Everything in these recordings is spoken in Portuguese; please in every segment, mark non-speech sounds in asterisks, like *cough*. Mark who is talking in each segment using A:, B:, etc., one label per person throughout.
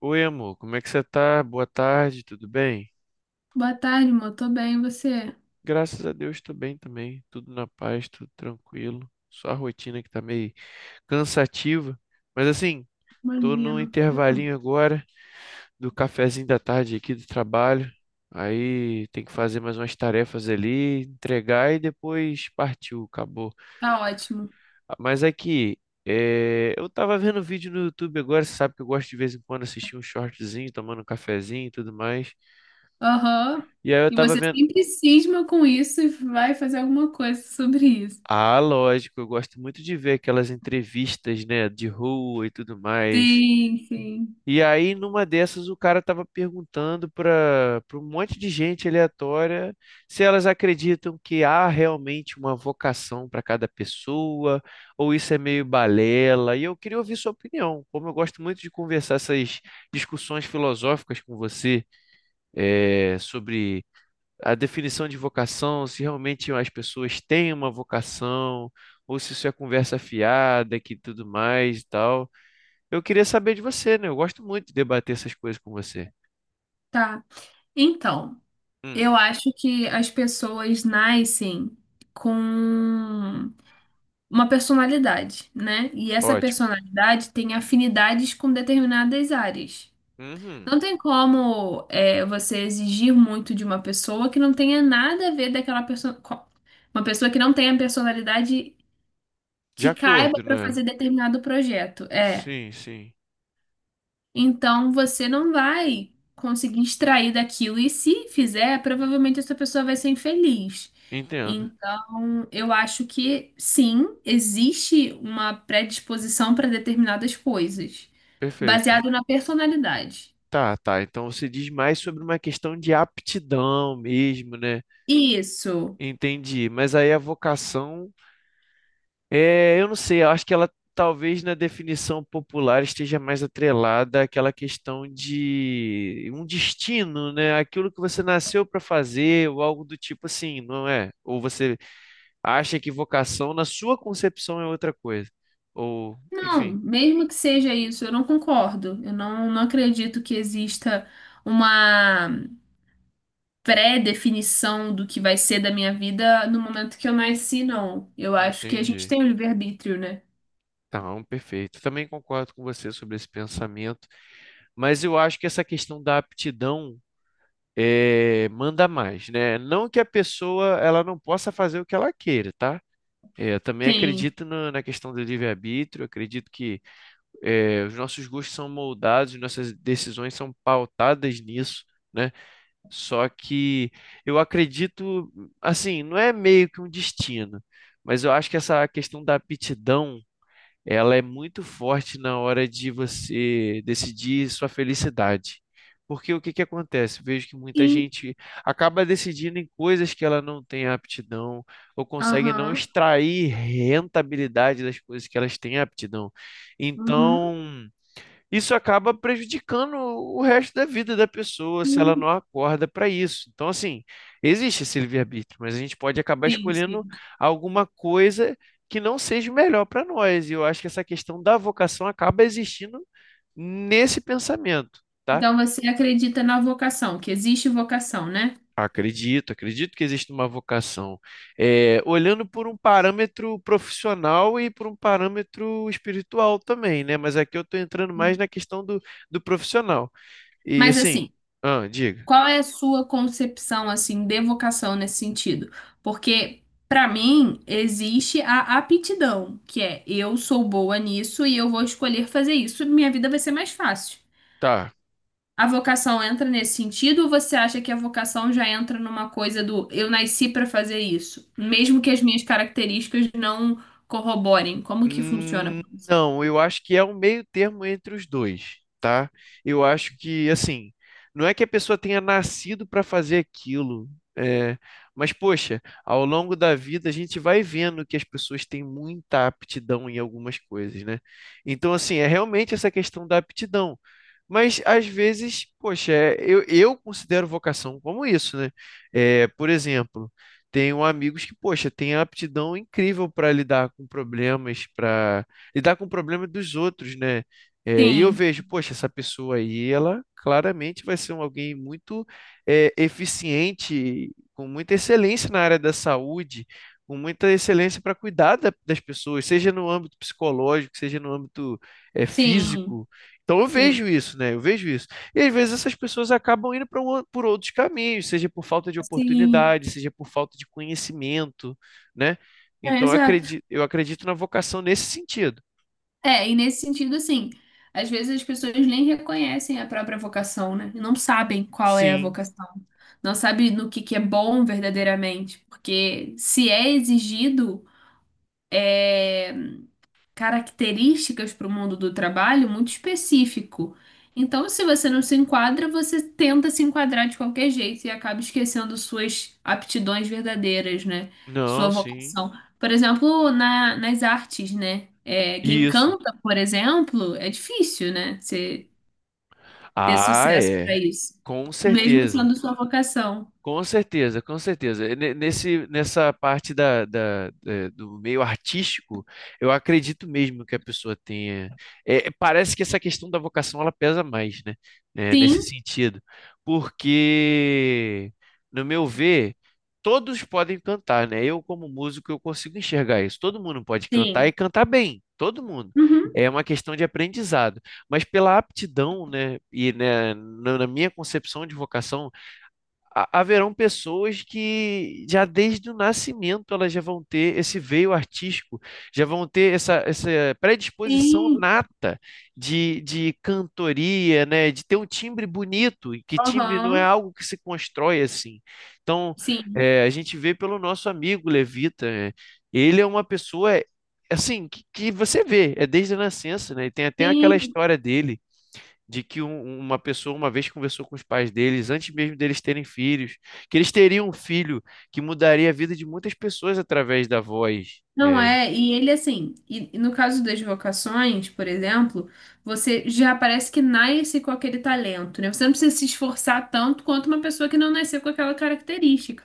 A: Oi, amor, como é que você tá? Boa tarde, tudo bem?
B: Boa tarde, amor. Tô bem, e você?
A: Graças a Deus, tô bem também, tudo na paz, tudo tranquilo. Só a rotina que tá meio cansativa, mas assim, tô num
B: Imagino.
A: intervalinho agora do cafezinho da tarde aqui do trabalho. Aí tem que fazer mais umas tarefas ali, entregar e depois partiu, acabou.
B: Tá ótimo.
A: Ah, mas aqui, eu tava vendo vídeo no YouTube agora, você sabe que eu gosto de vez em quando assistir um shortzinho, tomando um cafezinho e tudo mais.
B: Aham.
A: E aí eu
B: E
A: tava
B: você
A: vendo.
B: sempre cisma com isso e vai fazer alguma coisa sobre isso.
A: Ah, lógico, eu gosto muito de ver aquelas entrevistas, né, de rua e tudo mais.
B: Sim, sim.
A: E aí, numa dessas, o cara tava perguntando para um monte de gente aleatória se elas acreditam que há realmente uma vocação para cada pessoa, ou isso é meio balela. E eu queria ouvir sua opinião. Como eu gosto muito de conversar essas discussões filosóficas com você, sobre a definição de vocação, se realmente as pessoas têm uma vocação, ou se isso é conversa fiada que tudo mais e tal. Eu queria saber de você, né? Eu gosto muito de debater essas coisas com você.
B: Tá. Então,
A: Hum,
B: eu acho que as pessoas nascem com uma personalidade, né? E essa
A: ótimo.
B: personalidade tem afinidades com determinadas áreas.
A: Uhum.
B: Não tem como você exigir muito de uma pessoa que não tenha nada a ver daquela pessoa. Uma pessoa que não tenha personalidade
A: De
B: que caiba
A: acordo,
B: para
A: né?
B: fazer determinado projeto. É.
A: Sim, sim.
B: Então você não vai conseguir extrair daquilo. E se fizer, provavelmente essa pessoa vai ser infeliz.
A: Entendo.
B: Então, eu acho que sim, existe uma predisposição para determinadas coisas,
A: Perfeito.
B: baseado na personalidade.
A: Tá, tá. Então você diz mais sobre uma questão de aptidão mesmo, né?
B: Isso.
A: Entendi. Mas aí a vocação. É, eu não sei, eu acho que ela talvez na definição popular esteja mais atrelada àquela questão de um destino, né? Aquilo que você nasceu para fazer, ou algo do tipo assim, não é? Ou você acha que vocação na sua concepção é outra coisa. Ou,
B: Não,
A: enfim,
B: mesmo que seja isso, eu não concordo. Eu não acredito que exista uma pré-definição do que vai ser da minha vida no momento que eu nasci, não. Eu acho que a gente
A: entendi.
B: tem o livre-arbítrio, né?
A: Tá, um perfeito. Também concordo com você sobre esse pensamento, mas eu acho que essa questão da aptidão é, manda mais, né? Não que a pessoa ela não possa fazer o que ela queira, tá? É, eu também
B: Sim.
A: acredito na questão do livre-arbítrio, acredito que é, os nossos gostos são moldados, nossas decisões são pautadas nisso, né? Só que eu acredito, assim, não é meio que um destino, mas eu acho que essa questão da aptidão ela é muito forte na hora de você decidir sua felicidade. Porque o que que acontece? Vejo que muita
B: Sim.
A: gente acaba decidindo em coisas que ela não tem aptidão ou consegue não
B: Aham.
A: extrair rentabilidade das coisas que elas têm aptidão.
B: Uhum.
A: Então, isso acaba prejudicando o resto da vida da pessoa se ela não
B: Sim,
A: acorda para isso. Então, assim, existe esse livre-arbítrio, mas a gente pode acabar
B: sim.
A: escolhendo
B: Sim.
A: alguma coisa que não seja o melhor para nós. E eu acho que essa questão da vocação acaba existindo nesse pensamento. Tá?
B: Então você acredita na vocação, que existe vocação, né?
A: Acredito, acredito que existe uma vocação. É, olhando por um parâmetro profissional e por um parâmetro espiritual também, né? Mas aqui eu estou entrando mais na questão do, do profissional. E
B: Mas
A: assim,
B: assim,
A: ah, diga,
B: qual é a sua concepção assim de vocação nesse sentido? Porque para mim existe a aptidão, que é eu sou boa nisso e eu vou escolher fazer isso, minha vida vai ser mais fácil.
A: tá.
B: A vocação entra nesse sentido ou você acha que a vocação já entra numa coisa do eu nasci para fazer isso, mesmo que as minhas características não corroborem? Como que funciona
A: Hum,
B: pra você?
A: não, eu acho que é um meio termo entre os dois, tá? Eu acho que, assim, não é que a pessoa tenha nascido para fazer aquilo, é, mas, poxa, ao longo da vida a gente vai vendo que as pessoas têm muita aptidão em algumas coisas, né? Então, assim, é realmente essa questão da aptidão. Mas às vezes, poxa, é, eu considero vocação como isso, né? É, por exemplo. Tenho amigos que, poxa, têm aptidão incrível para lidar com problemas, para lidar com problemas dos outros, né? É, e eu
B: Sim,
A: vejo, poxa, essa pessoa aí, ela claramente vai ser alguém muito é, eficiente, com muita excelência na área da saúde, com muita excelência para cuidar das pessoas, seja no âmbito psicológico, seja no âmbito é,
B: sim,
A: físico. Então eu
B: sim,
A: vejo isso, né? Eu vejo isso. E às vezes essas pessoas acabam indo por outros caminhos, seja por falta de
B: sim.
A: oportunidade, seja por falta de conhecimento, né?
B: É,
A: Então
B: exato.
A: eu acredito na vocação nesse sentido.
B: É, e nesse sentido, assim, às vezes as pessoas nem reconhecem a própria vocação, né? Não sabem qual é a
A: Sim,
B: vocação. Não sabem no que é bom verdadeiramente. Porque se é exigido, é, características para o mundo do trabalho muito específico. Então, se você não se enquadra, você tenta se enquadrar de qualquer jeito e acaba esquecendo suas aptidões verdadeiras, né? Sua
A: não, sim.
B: vocação. Por exemplo, nas artes, né? É, quem
A: Isso.
B: canta, por exemplo, é difícil, né? Você ter
A: Ah,
B: sucesso
A: é.
B: para isso,
A: Com
B: mesmo
A: certeza.
B: sendo sua vocação.
A: Com certeza, com certeza. Nesse, nessa parte da, do meio artístico, eu acredito mesmo que a pessoa tenha. Eh, parece que essa questão da vocação ela pesa mais, né? Eh,
B: Sim,
A: nesse sentido. Porque, no meu ver, todos podem cantar, né? Eu, como músico, eu consigo enxergar isso. Todo mundo pode cantar e
B: sim.
A: cantar bem. Todo mundo.
B: Uhum.
A: É uma questão de aprendizado. Mas pela aptidão, né? E né, na minha concepção de vocação haverão pessoas que já desde o nascimento elas já vão ter esse veio artístico, já vão ter essa, essa predisposição
B: Sim.
A: nata de cantoria, né? De ter um timbre bonito, e que timbre não é
B: Aham.
A: algo que se constrói assim. Então,
B: Sim.
A: eh, a gente vê pelo nosso amigo Levita, né? Ele é uma pessoa assim que você vê, é desde a nascença, né? E tem até aquela
B: Sim.
A: história dele de que uma pessoa uma vez conversou com os pais deles, antes mesmo deles terem filhos, que eles teriam um filho que mudaria a vida de muitas pessoas através da voz.
B: Não
A: É,
B: é, e ele assim, e no caso das vocações, por exemplo, você já parece que nasce com aquele talento, né? Você não precisa se esforçar tanto quanto uma pessoa que não nasceu com aquela característica.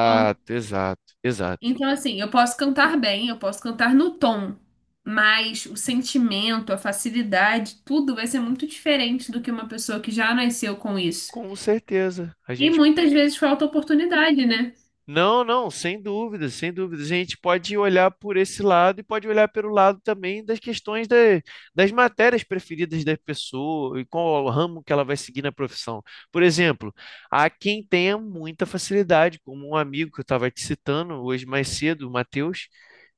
B: Então,
A: exato, exato.
B: então, assim, eu posso cantar bem, eu posso cantar no tom, mas o sentimento, a facilidade, tudo vai ser muito diferente do que uma pessoa que já nasceu com isso.
A: Com certeza, a
B: E
A: gente.
B: muitas vezes falta oportunidade, né?
A: Não, não, sem dúvida, sem dúvida. A gente pode olhar por esse lado e pode olhar pelo lado também das questões das matérias preferidas da pessoa e qual o ramo que ela vai seguir na profissão. Por exemplo, há quem tenha muita facilidade, como um amigo que eu estava te citando hoje mais cedo, o Matheus,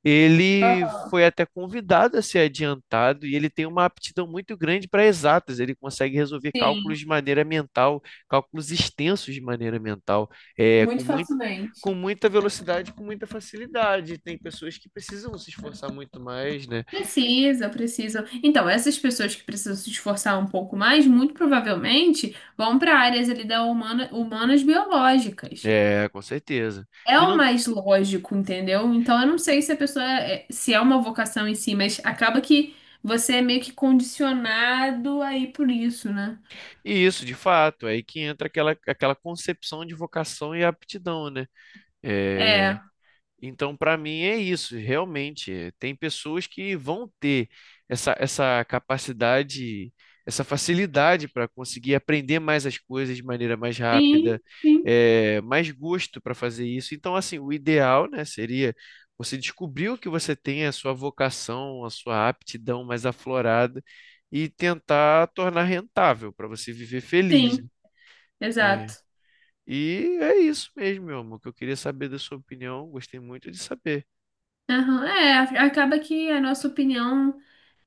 A: ele
B: Aham.
A: foi até convidado a ser adiantado e ele tem uma aptidão muito grande para exatas. Ele consegue resolver cálculos
B: Sim,
A: de maneira mental, cálculos extensos de maneira mental é,
B: muito facilmente.
A: com muita velocidade, com muita facilidade. Tem pessoas que precisam se esforçar muito mais, né?
B: Precisa, precisa. Então, essas pessoas que precisam se esforçar um pouco mais, muito provavelmente vão para áreas ali da humana, humanas biológicas.
A: É, com certeza.
B: É
A: E,
B: o
A: não,
B: mais lógico, entendeu? Então, eu não sei se a pessoa é, se é uma vocação em si, mas acaba que você é meio que condicionado aí por isso, né?
A: e isso, de fato, é aí que entra aquela, aquela concepção de vocação e aptidão, né? É,
B: É,
A: então, para mim é isso, realmente. Tem pessoas que vão ter essa, essa capacidade, essa facilidade para conseguir aprender mais as coisas de maneira mais
B: sim,
A: rápida,
B: sim,
A: eh, mais gosto para fazer isso. Então, assim, o ideal, né, seria você descobrir o que você tem, a sua vocação, a sua aptidão mais aflorada e tentar tornar rentável para você viver
B: sim,
A: feliz, né?
B: exato.
A: É. E é isso mesmo, meu amor, que eu queria saber da sua opinião. Gostei muito de saber.
B: Aham, é, acaba que a nossa opinião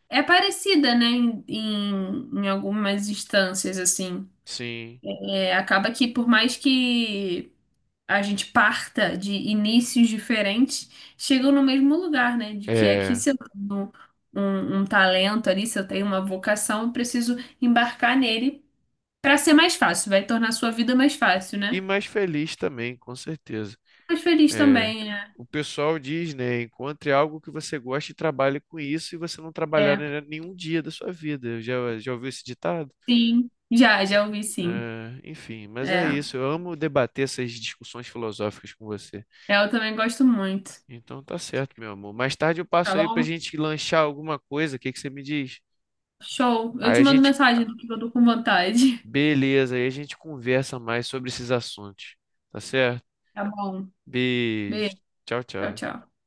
B: é parecida, né, em, em algumas instâncias, assim.
A: Sim,
B: É, acaba que por mais que a gente parta de inícios diferentes, chegam no mesmo lugar, né? De que aqui
A: é.
B: se eu tenho um talento ali, se eu tenho uma vocação, eu preciso embarcar nele para ser mais fácil, vai tornar a sua vida mais fácil,
A: E
B: né?
A: mais feliz também, com certeza.
B: Mais feliz
A: É.
B: também, né?
A: O pessoal diz, né? Encontre algo que você goste e trabalhe com isso, e você não trabalhar
B: É,
A: em nenhum dia da sua vida. Já, já ouviu esse ditado?
B: sim. Já, ouvi sim.
A: É, enfim, mas
B: É,
A: é isso. Eu amo debater essas discussões filosóficas com você.
B: é, eu também gosto muito.
A: Então tá certo, meu amor. Mais tarde eu
B: Tá
A: passo aí pra
B: bom?
A: gente lanchar alguma coisa. O que que você me diz?
B: Show. Eu
A: Aí
B: te
A: a
B: mando
A: gente,
B: mensagem do que eu tô com vontade. *laughs*
A: beleza, aí a gente conversa mais sobre esses assuntos. Tá certo?
B: Tá bom.
A: Beijo.
B: Beijo.
A: Tchau,
B: Tchau,
A: tchau.
B: tchau.